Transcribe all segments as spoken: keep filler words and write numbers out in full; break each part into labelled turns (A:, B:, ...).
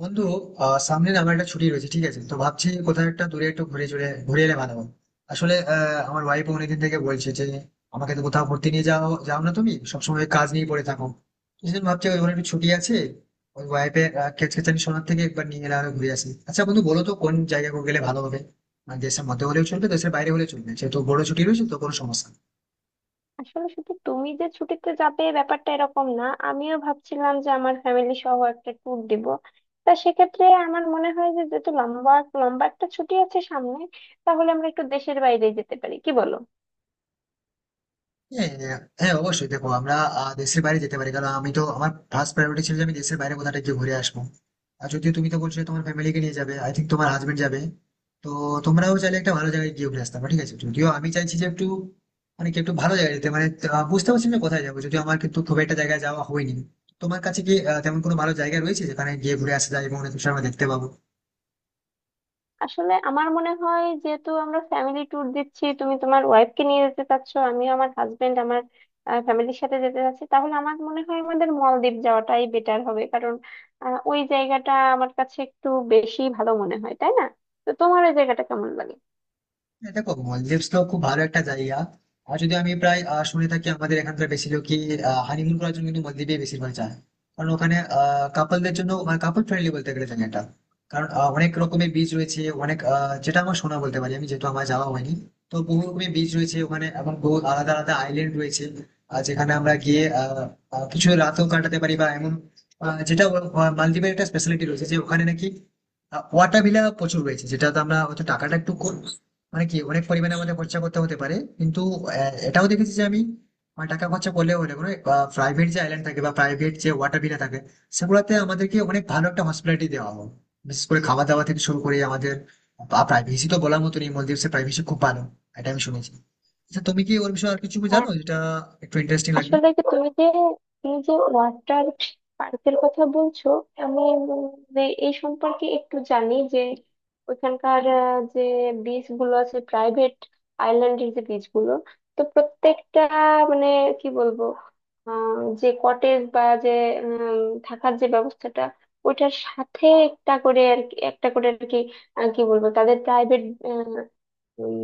A: বন্ধু, আহ সামনে না আমার একটা ছুটি রয়েছে, ঠিক আছে? তো ভাবছি কোথাও একটা দূরে একটু ঘুরে চলে ঘুরে এলে ভালো হয়। আসলে আহ, আমার ওয়াইফ অনেকদিন থেকে বলছে যে আমাকে তো কোথাও ঘুরতে নিয়ে যাও, যাও না, তুমি সবসময় কাজ নিয়ে পড়ে থাকো। সেদিন ভাবছি ওই ওখানে একটু ছুটি আছে, ওই ওয়াইফের খেচখেচানি শোনার থেকে একবার নিয়ে এলে আরো ঘুরে আসি। আচ্ছা বন্ধু, বলো তো কোন জায়গায় গেলে ভালো হবে? মানে দেশের মধ্যে হলেও চলবে, দেশের বাইরে হলেও চলবে, যেহেতু বড় ছুটি রয়েছে তো কোনো সমস্যা নেই।
B: আসলে শুধু তুমি যে ছুটিতে যাবে ব্যাপারটা এরকম না, আমিও ভাবছিলাম যে আমার ফ্যামিলি সহ একটা ট্যুর দিব। তা সেক্ষেত্রে আমার মনে হয় যে, যেহেতু লম্বা লম্বা একটা ছুটি আছে সামনে, তাহলে আমরা একটু দেশের বাইরে যেতে পারি, কি বলো?
A: হ্যাঁ, হ্যাঁ, অবশ্যই। দেখো আমরা আহ, দেশের বাইরে যেতে পারি, কারণ আমি তো আমার ফার্স্ট প্রায়োরিটি ছিল যে আমি দেশের বাইরে কোথাটা গিয়ে ঘুরে আসবো। আর যদিও তুমি তো বলছো যে তোমার ফ্যামিলিকে নিয়ে যাবে, আই থিঙ্ক তোমার হাজবেন্ড যাবে, তো তোমরাও চাইলে একটা ভালো জায়গায় গিয়ে ঘুরে আসতে পারো, ঠিক আছে? যদিও আমি চাইছি যে একটু, মানে কি, একটু ভালো জায়গায় যেতে, মানে আহ, বুঝতে পারছি না যে কোথায় যাবো, যদিও আমার কিন্তু খুব একটা জায়গায় যাওয়া হয়নি। তোমার কাছে কি আহ, তেমন কোনো ভালো জায়গা রয়েছে যেখানে গিয়ে ঘুরে আসা যায় এবং অনেক কিছু আমরা দেখতে পাবো?
B: আসলে আমার মনে হয়, যেহেতু আমরা ফ্যামিলি ট্যুর দিচ্ছি, তুমি তোমার ওয়াইফকে নিয়ে যেতে চাচ্ছ, আমিও আমার হাজবেন্ড, আমার ফ্যামিলির সাথে যেতে চাচ্ছি, তাহলে আমার মনে হয় আমাদের মলদ্বীপ যাওয়াটাই বেটার হবে। কারণ আহ, ওই জায়গাটা আমার কাছে একটু বেশি ভালো মনে হয়, তাই না? তো তোমার ওই জায়গাটা কেমন লাগে?
A: হ্যাঁ, দেখো মলদিভস তো খুব ভালো একটা জায়গা। আর যদি আমি প্রায় আহ, শুনে থাকি, আমাদের এখানকার বেশি লোকই হানিমুন করার জন্য কিন্তু মলদ্বীপে বেশিরভাগ যায়। কারণ ওখানে কাপলদের জন্য, কাপল ফ্রেন্ডলি বলতে গেলে জায়গাটা, কারণ আহ, অনেক রকমের বীজ রয়েছে, অনেক আহ, যেটা আমার শোনা বলতে পারি, আমি যেহেতু আমার যাওয়া হয়নি। তো বহু রকমের বীজ রয়েছে ওখানে, এবং বহু আলাদা আলাদা আইল্যান্ড রয়েছে। আর যেখানে আমরা গিয়ে আহ, আহ, কিছু রাতও কাটাতে পারি, বা এমন আহ, যেটা আহ, মালদ্বীপের একটা স্পেশালিটি রয়েছে যে ওখানে নাকি ওয়াটার ভিলা প্রচুর রয়েছে, যেটা তো আমরা হয়তো টাকাটা একটু কম, মানে কি, অনেক পরিমাণে আমাদের খরচা করতে হতে পারে, কিন্তু আহ, এটাও দেখেছি যে আমি, আহ, টাকা খরচা করলেও হলে কোনো প্রাইভেট যে আইল্যান্ড থাকে বা প্রাইভেট যে ওয়াটার ভিলা থাকে, সেগুলোতে আমাদেরকে অনেক ভালো একটা হসপিটালিটি দেওয়া হয়। বিশেষ করে খাওয়া দাওয়া থেকে শুরু করে আমাদের প্রাইভেসি তো বলার মতো নেই, মলদ্বীপের প্রাইভেসি খুব ভালো, এটা আমি শুনেছি। আচ্ছা তুমি কি ওর বিষয়ে আর কিছু
B: হ্যাঁ।
A: জানো যেটা একটু ইন্টারেস্টিং লাগবে?
B: আসলে যে তুমি যে তুমি যে ওয়াটার পার্কের কথা বলছো, আমি উম যে এই সম্পর্কে একটু জানি যে ওইখানকার আহ, যে বিচ গুলো আছে প্রাইভেট আইল্যান্ডের যে বিচ গুলো, তো প্রত্যেকটা, মানে কি বলবো, আহ যে কটেজ বা যে উম, থাকার যে ব্যবস্থাটা, ওইটার সাথে একটা করে আর কি, একটা করে আর কি আহ, কি বলবো, তাদের প্রাইভেট ওই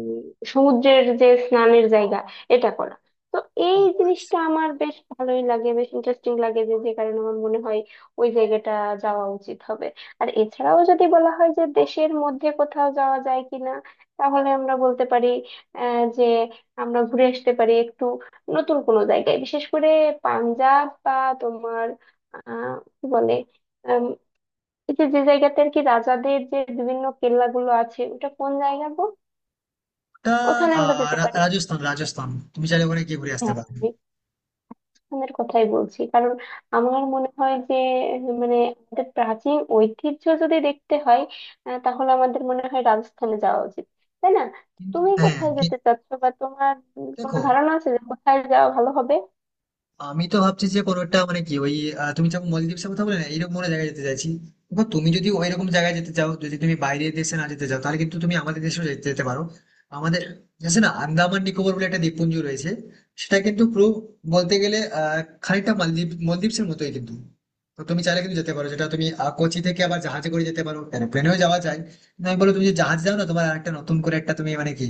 B: সমুদ্রের যে স্নানের জায়গা, এটা করা। তো এই জিনিসটা আমার বেশ ভালোই লাগে, বেশ ইন্টারেস্টিং লাগে, যে যে কারণে আমার মনে হয় ওই জায়গাটা যাওয়া উচিত হবে। আর এছাড়াও যদি বলা হয় যে দেশের মধ্যে কোথাও যাওয়া যায় কিনা, তাহলে আমরা বলতে পারি আহ, যে আমরা ঘুরে আসতে পারি একটু নতুন কোনো জায়গায়, বিশেষ করে পাঞ্জাব বা তোমার আহ কি বলে, আম, এই যে, যে জায়গাতে আর কি রাজাদের যে বিভিন্ন কেল্লাগুলো আছে, ওটা কোন জায়গা গো?
A: ওটা
B: ওখানে আমরা
A: আহ,
B: যেতে
A: রা-
B: পারি।
A: রাজস্থান রাজস্থান, তুমি চাইলে ওখানে গিয়ে ঘুরে আসতে পারো।
B: হ্যাঁ, রিক্সানের কথাই বলছি। কারণ আমার মনে হয় যে, মানে আমাদের প্রাচীন ঐতিহ্য যদি দেখতে হয়, আহ, তাহলে আমাদের মনে হয় রাজস্থানে যাওয়া উচিত, তাই না?
A: কিন্তু
B: তুমি
A: হ্যাঁ
B: কোথায়
A: কি-
B: যেতে চাচ্ছো, বা তোমার উম কোনো
A: দেখো
B: ধারণা আছে যে কোথায় যাওয়া ভালো হবে?
A: আমি তো ভাবছি যে কোনো একটা, মানে কি, ওই আহ, তুমি যখন মলদ্বীপের কথা বলে না, এইরকম কোনো জায়গায় যেতে চাইছি। দেখো তুমি যদি ওই রকম জায়গায় যেতে চাও, যদি তুমি বাইরের দেশে না যেতে চাও, তাহলে কিন্তু তুমি আমাদের দেশেও যেতে যেতে পারো। আমাদের দেশে না, আন্দামান নিকোবর বলে একটা দ্বীপপুঞ্জ রয়েছে। সেটা কিন্তু পুরো বলতে গেলে আহ খানিকটা মালদ্বীপ মলদ্বীপের মতোই, কিন্তু। তো তুমি চাইলে কিন্তু যেতে পারো, যেটা তুমি আহ, কোচি থেকে আবার জাহাজে করে যেতে পারো, কেন প্লেনেও যাওয়া যায়। কিন্তু আমি বলো, তুমি যে জাহাজ যাও না, তোমার একটা নতুন করে একটা তুমি, মানে কি,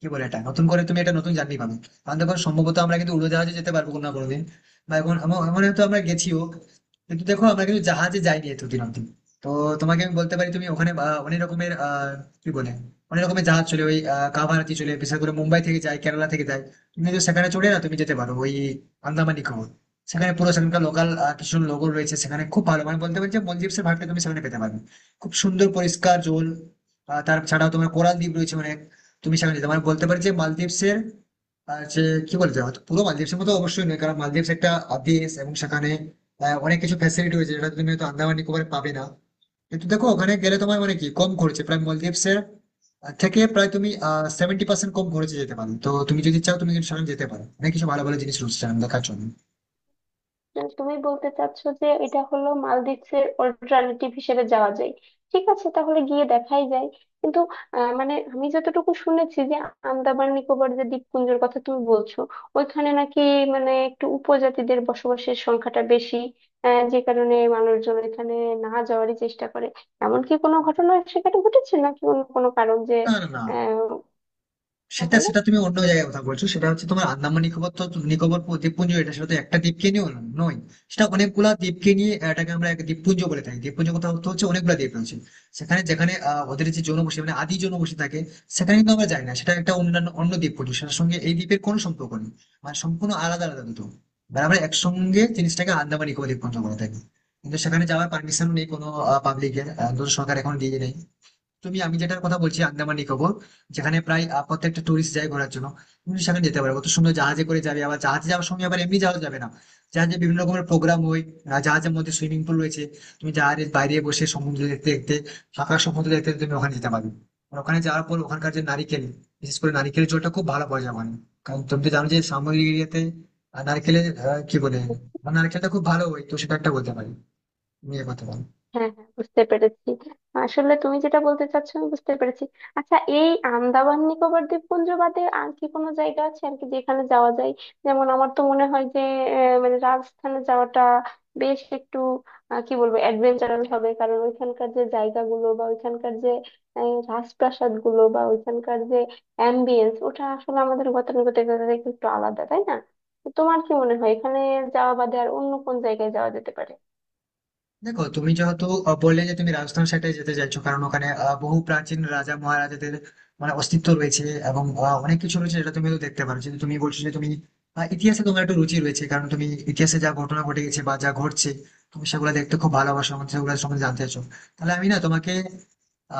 A: কি বলে, এটা নতুন করে তুমি একটা নতুন জার্নি পাবে। কারণ দেখো, সম্ভবত আমরা কিন্তু উড়োজাহাজে যেতে পারবো কোনো না কোনোদিন, বা এমন এমন এমন হয়তো আমরা গেছিও, কিন্তু দেখো আমরা কিন্তু জাহাজে যাইনি এতদিন অব্দি। তো তোমাকে আমি বলতে পারি, তুমি ওখানে আহ, অনেক রকমের, আহ কি বলে, অনেক রকমের জাহাজ চলে, ওই আহ, কাভারাতি চলে, বিশেষ করে মুম্বাই থেকে যায়, কেরালা থেকে যায়। তুমি কিন্তু সেখানে চড়ে না, তুমি যেতে পারো ওই আন্দামান নিকোবর। সেখানে পুরো সেখানকার লোকাল কিছু লোগো রয়েছে, সেখানে খুব ভালো, মানে বলতে পারছি মলদ্বীপের ভাবটা তুমি সেখানে পেতে পারবে। খুব সুন্দর পরিষ্কার জল। আহ, তার ছাড়াও তোমার কোরাল দ্বীপ রয়েছে অনেক। তুমি সেখানে যেতে, মানে বলতে পারি যে মালদ্বীপসের, আর হচ্ছে কি, বলতে হয়তো পুরো মালদ্বীপের মতো অবশ্যই নয়, কারণ মালদ্বীপ একটা দেশ এবং সেখানে আহ, অনেক কিছু ফ্যাসিলিটি রয়েছে যেটা তুমি হয়তো আন্দামান নিকোবরে পাবে না। কিন্তু দেখো ওখানে গেলে তোমার, মানে কি, কম খরচে, প্রায় মালদ্বীপসের থেকে প্রায় তুমি আহ সেভেন্টি পার্সেন্ট কম খরচে যেতে পারো, তো তুমি যদি চাও তুমি কিন্তু সেখানে যেতে পারো, অনেক কিছু ভালো ভালো জিনিস রয়েছে সেখানে দেখার জন্য।
B: আহ, তুমি বলতে চাচ্ছো যে এটা হলো মালদ্বীপের অল্টারনেটিভ হিসেবে যাওয়া যায়। ঠিক আছে, তাহলে গিয়ে দেখাই যায়। কিন্তু আহ, মানে আমি যতটুকু শুনেছি যে আন্দামান নিকোবর যে দ্বীপপুঞ্জের কথা তুমি বলছো, ওইখানে নাকি মানে একটু উপজাতিদের বসবাসের সংখ্যাটা বেশি, আহ, যে কারণে মানুষজন এখানে না যাওয়ারই চেষ্টা করে। এমন কি কোনো ঘটনা সেখানে ঘটেছে নাকি অন্য কোনো কারণ যে
A: না, না, না,
B: আহ
A: সেটা
B: তাহলে?
A: সেটা তুমি অন্য জায়গায় কথা বলছো, সেটা হচ্ছে তোমার আন্দামান নিকোবর, তো নিকোবর দ্বীপপুঞ্জ এটা, সেটা তো একটা দ্বীপকে নিয়ে ন- নয়। সেটা অনেকগুলা দ্বীপকে নিয়ে, এটাকে আমরা এক দ্বীপপুঞ্জ বলে থাকি। দ্বীপপুঞ্জ কথা অর্থ হচ্ছে অনেকগুলা দ্বীপ রয়েছে সেখানে, যেখানে আহ, ওদের যে জনবসতি, মানে আদি জনবসতি থাকে, সেখানে কিন্তু আমরা যাই না। সেটা একটা অন্যান্য অন্য দ্বীপপুঞ্জ, সেটার সঙ্গে এই দ্বীপের কোনো সম্পর্ক নেই। মানে সম্পূর্ণ আলাদা আলাদা দুটো। এবার আমরা একসঙ্গে জিনিসটাকে আন্দামান নিকোবর দ্বীপপুঞ্জ বলে থাকি, কিন্তু সেখানে যাওয়ার পারমিশন নেই কোনো পাবলিকের, সরকার এখন দিয়ে নেই। তুমি, আমি যেটার কথা বলছি আন্দামান নিকোবর, যেখানে প্রায় আহ, প্রত্যেকটা টুরিস্ট যায় ঘোরার জন্য। তুমি সেখানে যেতে পারো, কত সুন্দর জাহাজে করে যাবে। আবার জাহাজে যাওয়ার সঙ্গে আবার এমনি জাহাজ যাবে না, জাহাজে বিভিন্ন রকমের প্রোগ্রাম হয়। আহ, জাহাজের মধ্যে সুইমিং পুল রয়েছে, তুমি জাহাজের বাইরে বসে সমুদ্র দেখতে দেখতে, ফাঁকা সমুদ্র দেখতে দেখতে তুমি ওখানে যেতে পারবে। আর ওখানে যাওয়ার পর ওখানকার যে নারিকেল, বিশেষ করে নারিকেলের জলটা খুব ভালো পাওয়া যায় ওখানে। কারণ তুমি তো জানো যে সামগ্রী এরিয়াতে নারকেলের, আহ, কি বলে, নারকেলটা খুব ভালো হয়, তো সেটা একটা বলতে পারি। তুমি এ কথা বলো।
B: হ্যাঁ, হ্যাঁ, বুঝতে পেরেছি। আসলে তুমি যেটা বলতে চাচ্ছ আমি বুঝতে পেরেছি। আচ্ছা, এই আন্দামান নিকোবর দ্বীপপুঞ্জ বাদে আর কি কোনো জায়গা আছে আর কি, যেখানে যাওয়া যায়? যেমন আমার তো মনে হয় যে আহ, মানে রাজস্থানে যাওয়াটা বেশ একটু আহ, কি বলবো, অ্যাডভেঞ্চারাল হবে। কারণ ওইখানকার যে জায়গাগুলো বা ওইখানকার যে রাজপ্রাসাদ গুলো বা ওইখানকার যে অ্যাম্বিয়েন্স, ওটা আসলে আমাদের গতানুগতিকতা থেকে একটু আলাদা, তাই না? তো তোমার কি মনে হয় এখানে যাওয়া বাদে আর অন্য কোন জায়গায় যাওয়া যেতে পারে?
A: দেখো তুমি যেহেতু আহ, বললে যে তুমি রাজস্থান সাইডে যেতে চাইছো, কারণ ওখানে আহ, বহু প্রাচীন রাজা মহারাজাদের মানে অস্তিত্ব রয়েছে, এবং আহ, অনেক কিছু রয়েছে যেটা তুমি তো দেখতে পারো, কিন্তু তুমি বলছো যে তুমি আহ, ইতিহাসে তোমার একটু রুচি রয়েছে, কারণ তুমি ইতিহাসে যা ঘটনা ঘটে গেছে বা যা ঘটছে, তুমি সেগুলো দেখতে খুব ভালোবাসো এবং সেগুলো সম্বন্ধে জানতে চাইছো। তাহলে আমি না তোমাকে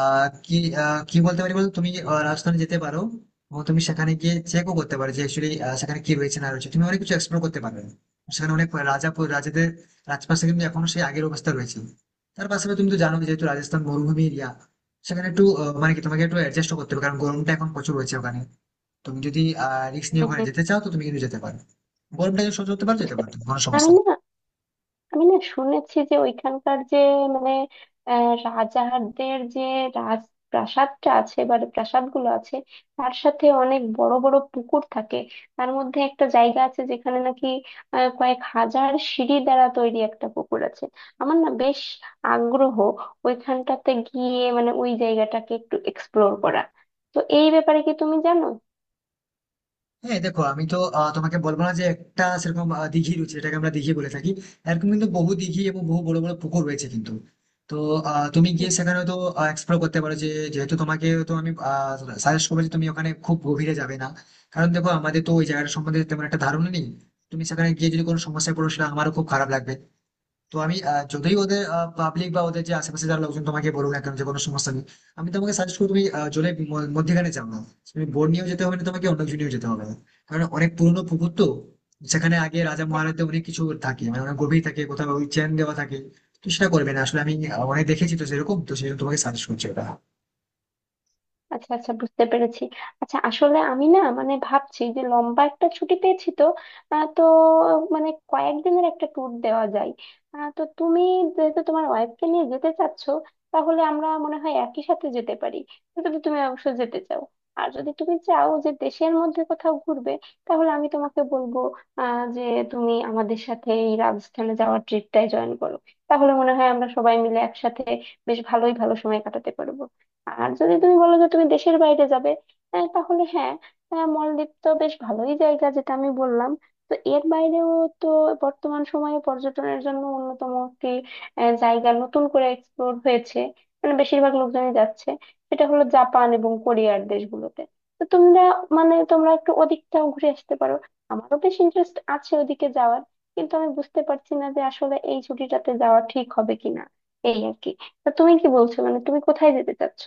A: আহ কি আহ, কি বলতে পারি বলতো, তুমি আহ, রাজস্থানে যেতে পারো, এবং তুমি সেখানে গিয়ে চেকও করতে পারো যে অ্যাকচুয়ালি সেখানে কি রয়েছে না রয়েছে, তুমি অনেক কিছু এক্সপ্লোর করতে পারবে। সেখানে অনেক রাজা রাজাদের রাজপাশে কিন্তু এখনো সেই আগের অবস্থা রয়েছে। তার পাশাপাশি তুমি তো জানো, যেহেতু রাজস্থান মরুভূমি এরিয়া, সেখানে একটু আহ, মানে কি তোমাকে একটু অ্যাডজাস্ট করতে হবে, কারণ গরমটা এখন প্রচুর রয়েছে ওখানে। তুমি যদি আহ রিস্ক নিয়ে ওখানে যেতে চাও তো তুমি কিন্তু যেতে পারো, গরমটা যদি সহ্য করতে পারো যেতে
B: বুঝতে
A: পারো
B: পেরেছি।
A: কোনো সমস্যা
B: আমি
A: নেই।
B: না, আমি না শুনেছি যে ওইখানকার যে মানে আহ, রাজাদের যে রাজ প্রাসাদটা আছে বা প্রাসাদগুলো আছে, তার সাথে অনেক বড় বড় পুকুর থাকে। তার মধ্যে একটা জায়গা আছে যেখানে নাকি আহ, কয়েক হাজার সিঁড়ি দ্বারা তৈরি একটা পুকুর আছে। আমার না বেশ আগ্রহ ওইখানটাতে গিয়ে, মানে ওই জায়গাটাকে একটু এক্সপ্লোর করা। তো এই ব্যাপারে কি তুমি জানো?
A: হ্যাঁ, দেখো আমি তো আহ, তোমাকে বলবো না যে একটা সেরকম আহ, দিঘি রয়েছে যেটাকে আমরা দিঘি বলে থাকি, এরকম কিন্তু বহু দিঘি এবং বহু বড় বড় পুকুর রয়েছে, কিন্তু তো আহ, তুমি
B: হুম।
A: গিয়ে সেখানে তো এক্সপ্লোর করতে পারো যে, যেহেতু তোমাকে তো আমি সাজেস্ট করবো যে তুমি ওখানে খুব গভীরে যাবে না, কারণ দেখো আমাদের তো ওই জায়গাটা সম্বন্ধে তেমন একটা ধারণা নেই। তুমি সেখানে গিয়ে যদি কোনো সমস্যায় পড়ো সেটা আমারও খুব খারাপ লাগবে। তো আমি আহ, যতই ওদের পাবলিক বা ওদের যে আশেপাশে যারা লোকজন তোমাকে বলুক না কেন যে কোনো সমস্যা নেই, আমি তোমাকে সাজেস্ট করবো তুমি আহ, জলের ম- মধ্যেখানে যাও না। তুমি বোট নিয়েও যেতে হবে না, তোমাকে অন্য কিছু নিয়েও যেতে হবে না, কারণ অনেক পুরনো পুকুর তো, সেখানে আগে রাজা
B: হ্যাঁ।
A: মহারাজাদের অনেক কিছু থাকে, মানে অনেক গভীর থাকে, কোথাও ওই চেন দেওয়া থাকে। তো সেটা করবে না, আসলে আমি আহ, অনেক দেখেছি তো সেরকম, তো সেই জন্য তোমাকে সাজেস্ট করছি ওটা।
B: আচ্ছা, আচ্ছা, বুঝতে পেরেছি। আচ্ছা আসলে আমি না মানে ভাবছি যে লম্বা একটা ছুটি পেয়েছি, তো আহ, তো মানে কয়েকদিনের একটা ট্যুর দেওয়া যায়। আহ, তো তুমি, যেহেতু তোমার ওয়াইফকে নিয়ে যেতে চাচ্ছ, তাহলে আমরা মনে হয় একই সাথে যেতে পারি, যদি তুমি অবশ্য যেতে চাও। আর যদি তুমি চাও যে দেশের মধ্যে কোথাও ঘুরবে, তাহলে আমি তোমাকে বলবো আহ যে তুমি আমাদের সাথে এই রাজস্থানে যাওয়ার ট্রিপটায় জয়েন করো। তাহলে মনে হয় আমরা সবাই মিলে একসাথে বেশ ভালোই ভালো সময় কাটাতে পারবো। আর যদি তুমি বলো যে তুমি দেশের বাইরে যাবে, আহ, তাহলে হ্যাঁ, আহ, মলদ্বীপ তো বেশ ভালোই জায়গা, যেটা আমি বললাম। তো এর বাইরেও, তো বর্তমান সময়ে পর্যটনের জন্য অন্যতম একটি আহ, জায়গা নতুন করে এক্সপ্লোর হয়েছে, মানে বেশিরভাগ লোকজনই যাচ্ছে, সেটা হলো জাপান এবং কোরিয়ার দেশগুলোতে। তো তোমরা, মানে তোমরা একটু ওদিকটাও ঘুরে আসতে পারো। আমারও বেশ ইন্টারেস্ট আছে ওদিকে যাওয়ার, কিন্তু আমি বুঝতে পারছি না যে আসলে এই ছুটিটাতে যাওয়া ঠিক হবে কিনা, এই আর কি। তা তুমি কি বলছো, মানে তুমি কোথায় যেতে চাচ্ছ?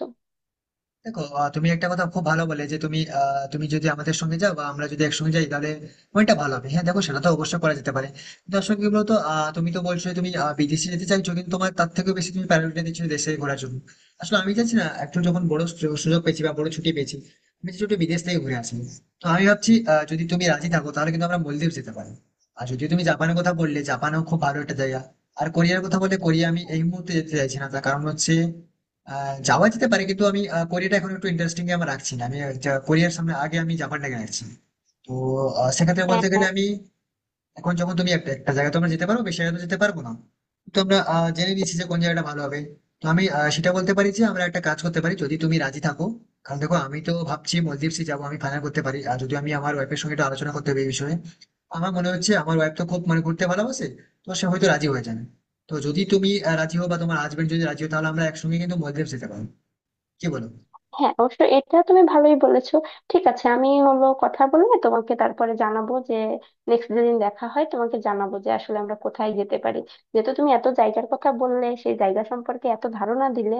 A: দেখো আহ, তুমি একটা কথা খুব ভালো বলে যে তুমি আহ, তুমি যদি আমাদের সঙ্গে যাও বা আমরা যদি একসঙ্গে যাই তাহলে ওইটা ভালো হবে। হ্যাঁ, দেখো সেটা তো অবশ্যই করা যেতে পারে। কিন্তু আসলে কি বলতো, আহ, তুমি তো বলছো যে তুমি আহ, বিদেশে যেতে চাইছো, কিন্তু তোমার তার থেকেও বেশি তুমি প্রায়োরিটি দিচ্ছ দেশে ঘোরার জন্য। আসলে আমি চাইছি না, একটু যখন বড় সু- সুযোগ পেয়েছি বা বড় ছুটি পেয়েছি, আমি চাইছি একটু বিদেশ থেকে ঘুরে আসি। তো আমি ভাবছি আহ, যদি তুমি রাজি থাকো তাহলে কিন্তু আমরা মলদ্বীপ যেতে পারি। আর যদি তুমি জাপানের কথা বললে, জাপানও খুব ভালো একটা জায়গা। আর কোরিয়ার কথা বললে কোরিয়া আমি এই মুহূর্তে যেতে চাইছি না, তার কারণ হচ্ছে আহ, যাওয়া যেতে পারে, কিন্তু আমি আহ, কোরিয়াটা এখন একটু ইন্টারেস্টিং আমার রাখছি না আমি। যা- কোরিয়ার সামনে আগে আমি জাপানটাকে রাখছি। তো আহ, সেক্ষেত্রে
B: হ্যাঁ,
A: বলতে গেলে
B: হ্যাঁ।
A: আমি, এখন যখন তুমি একটা একটা জায়গায় তোমরা যেতে পারো, বেশি জায়গায় তো যেতে পারবো না। তো আমরা আহ, জেনে নিয়েছি যে কোন জায়গাটা ভালো হবে। তো আমি আহ, সেটা বলতে পারি যে আমরা একটা কাজ করতে পারি, যদি তুমি রাজি থাকো। কারণ দেখো আমি তো ভাবছি মলদ্বীপসে যাবো, আমি ফাইনাল করতে পারি, আর যদি আমি আমার ওয়াইফের সঙ্গে একটু আলোচনা করতে হবে এই বিষয়ে। আমার মনে হচ্ছে আমার ওয়াইফ তো খুব, মানে ঘুরতে ভালোবাসে, তো সে হয়তো রাজি হয়ে যাবে। তো যদি তুমি আহ, রাজি হও বা তোমার হাজবেন্ড যদি রাজি হয়, তাহলে আমরা একসঙ্গে কিন্তু মলদ্বীপ যেতে পারবো, কি বলো?
B: হ্যাঁ, অবশ্য এটা তুমি ভালোই বলেছো। ঠিক আছে, আমি হলো কথা বলে তোমাকে তারপরে জানাবো যে নেক্সট যেদিন দেখা হয়, তোমাকে জানাবো যে আসলে আমরা কোথায় যেতে পারি। যেহেতু তুমি এত জায়গার কথা বললে, সেই জায়গা সম্পর্কে এত ধারণা দিলে,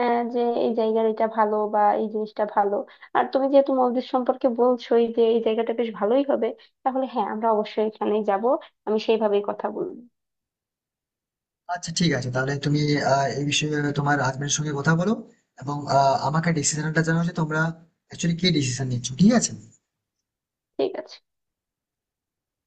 B: আহ, যে এই জায়গার এটা ভালো বা এই জিনিসটা ভালো, আর তুমি যেহেতু মলদ্বীপ সম্পর্কে বলছোই যে এই জায়গাটা বেশ ভালোই হবে, তাহলে হ্যাঁ, আমরা অবশ্যই এখানেই যাব। আমি সেইভাবেই কথা বলবো।
A: আচ্ছা ঠিক আছে, তাহলে তুমি আহ, এই বিষয়ে তোমার হাজবেন্ডের সঙ্গে কথা বলো এবং আহ, আমাকে ডিসিশনটা জানাও যে তোমরা অ্যাকচুয়ালি কি ডিসিশন নিচ্ছ, ঠিক আছে?
B: ঠিক আছে।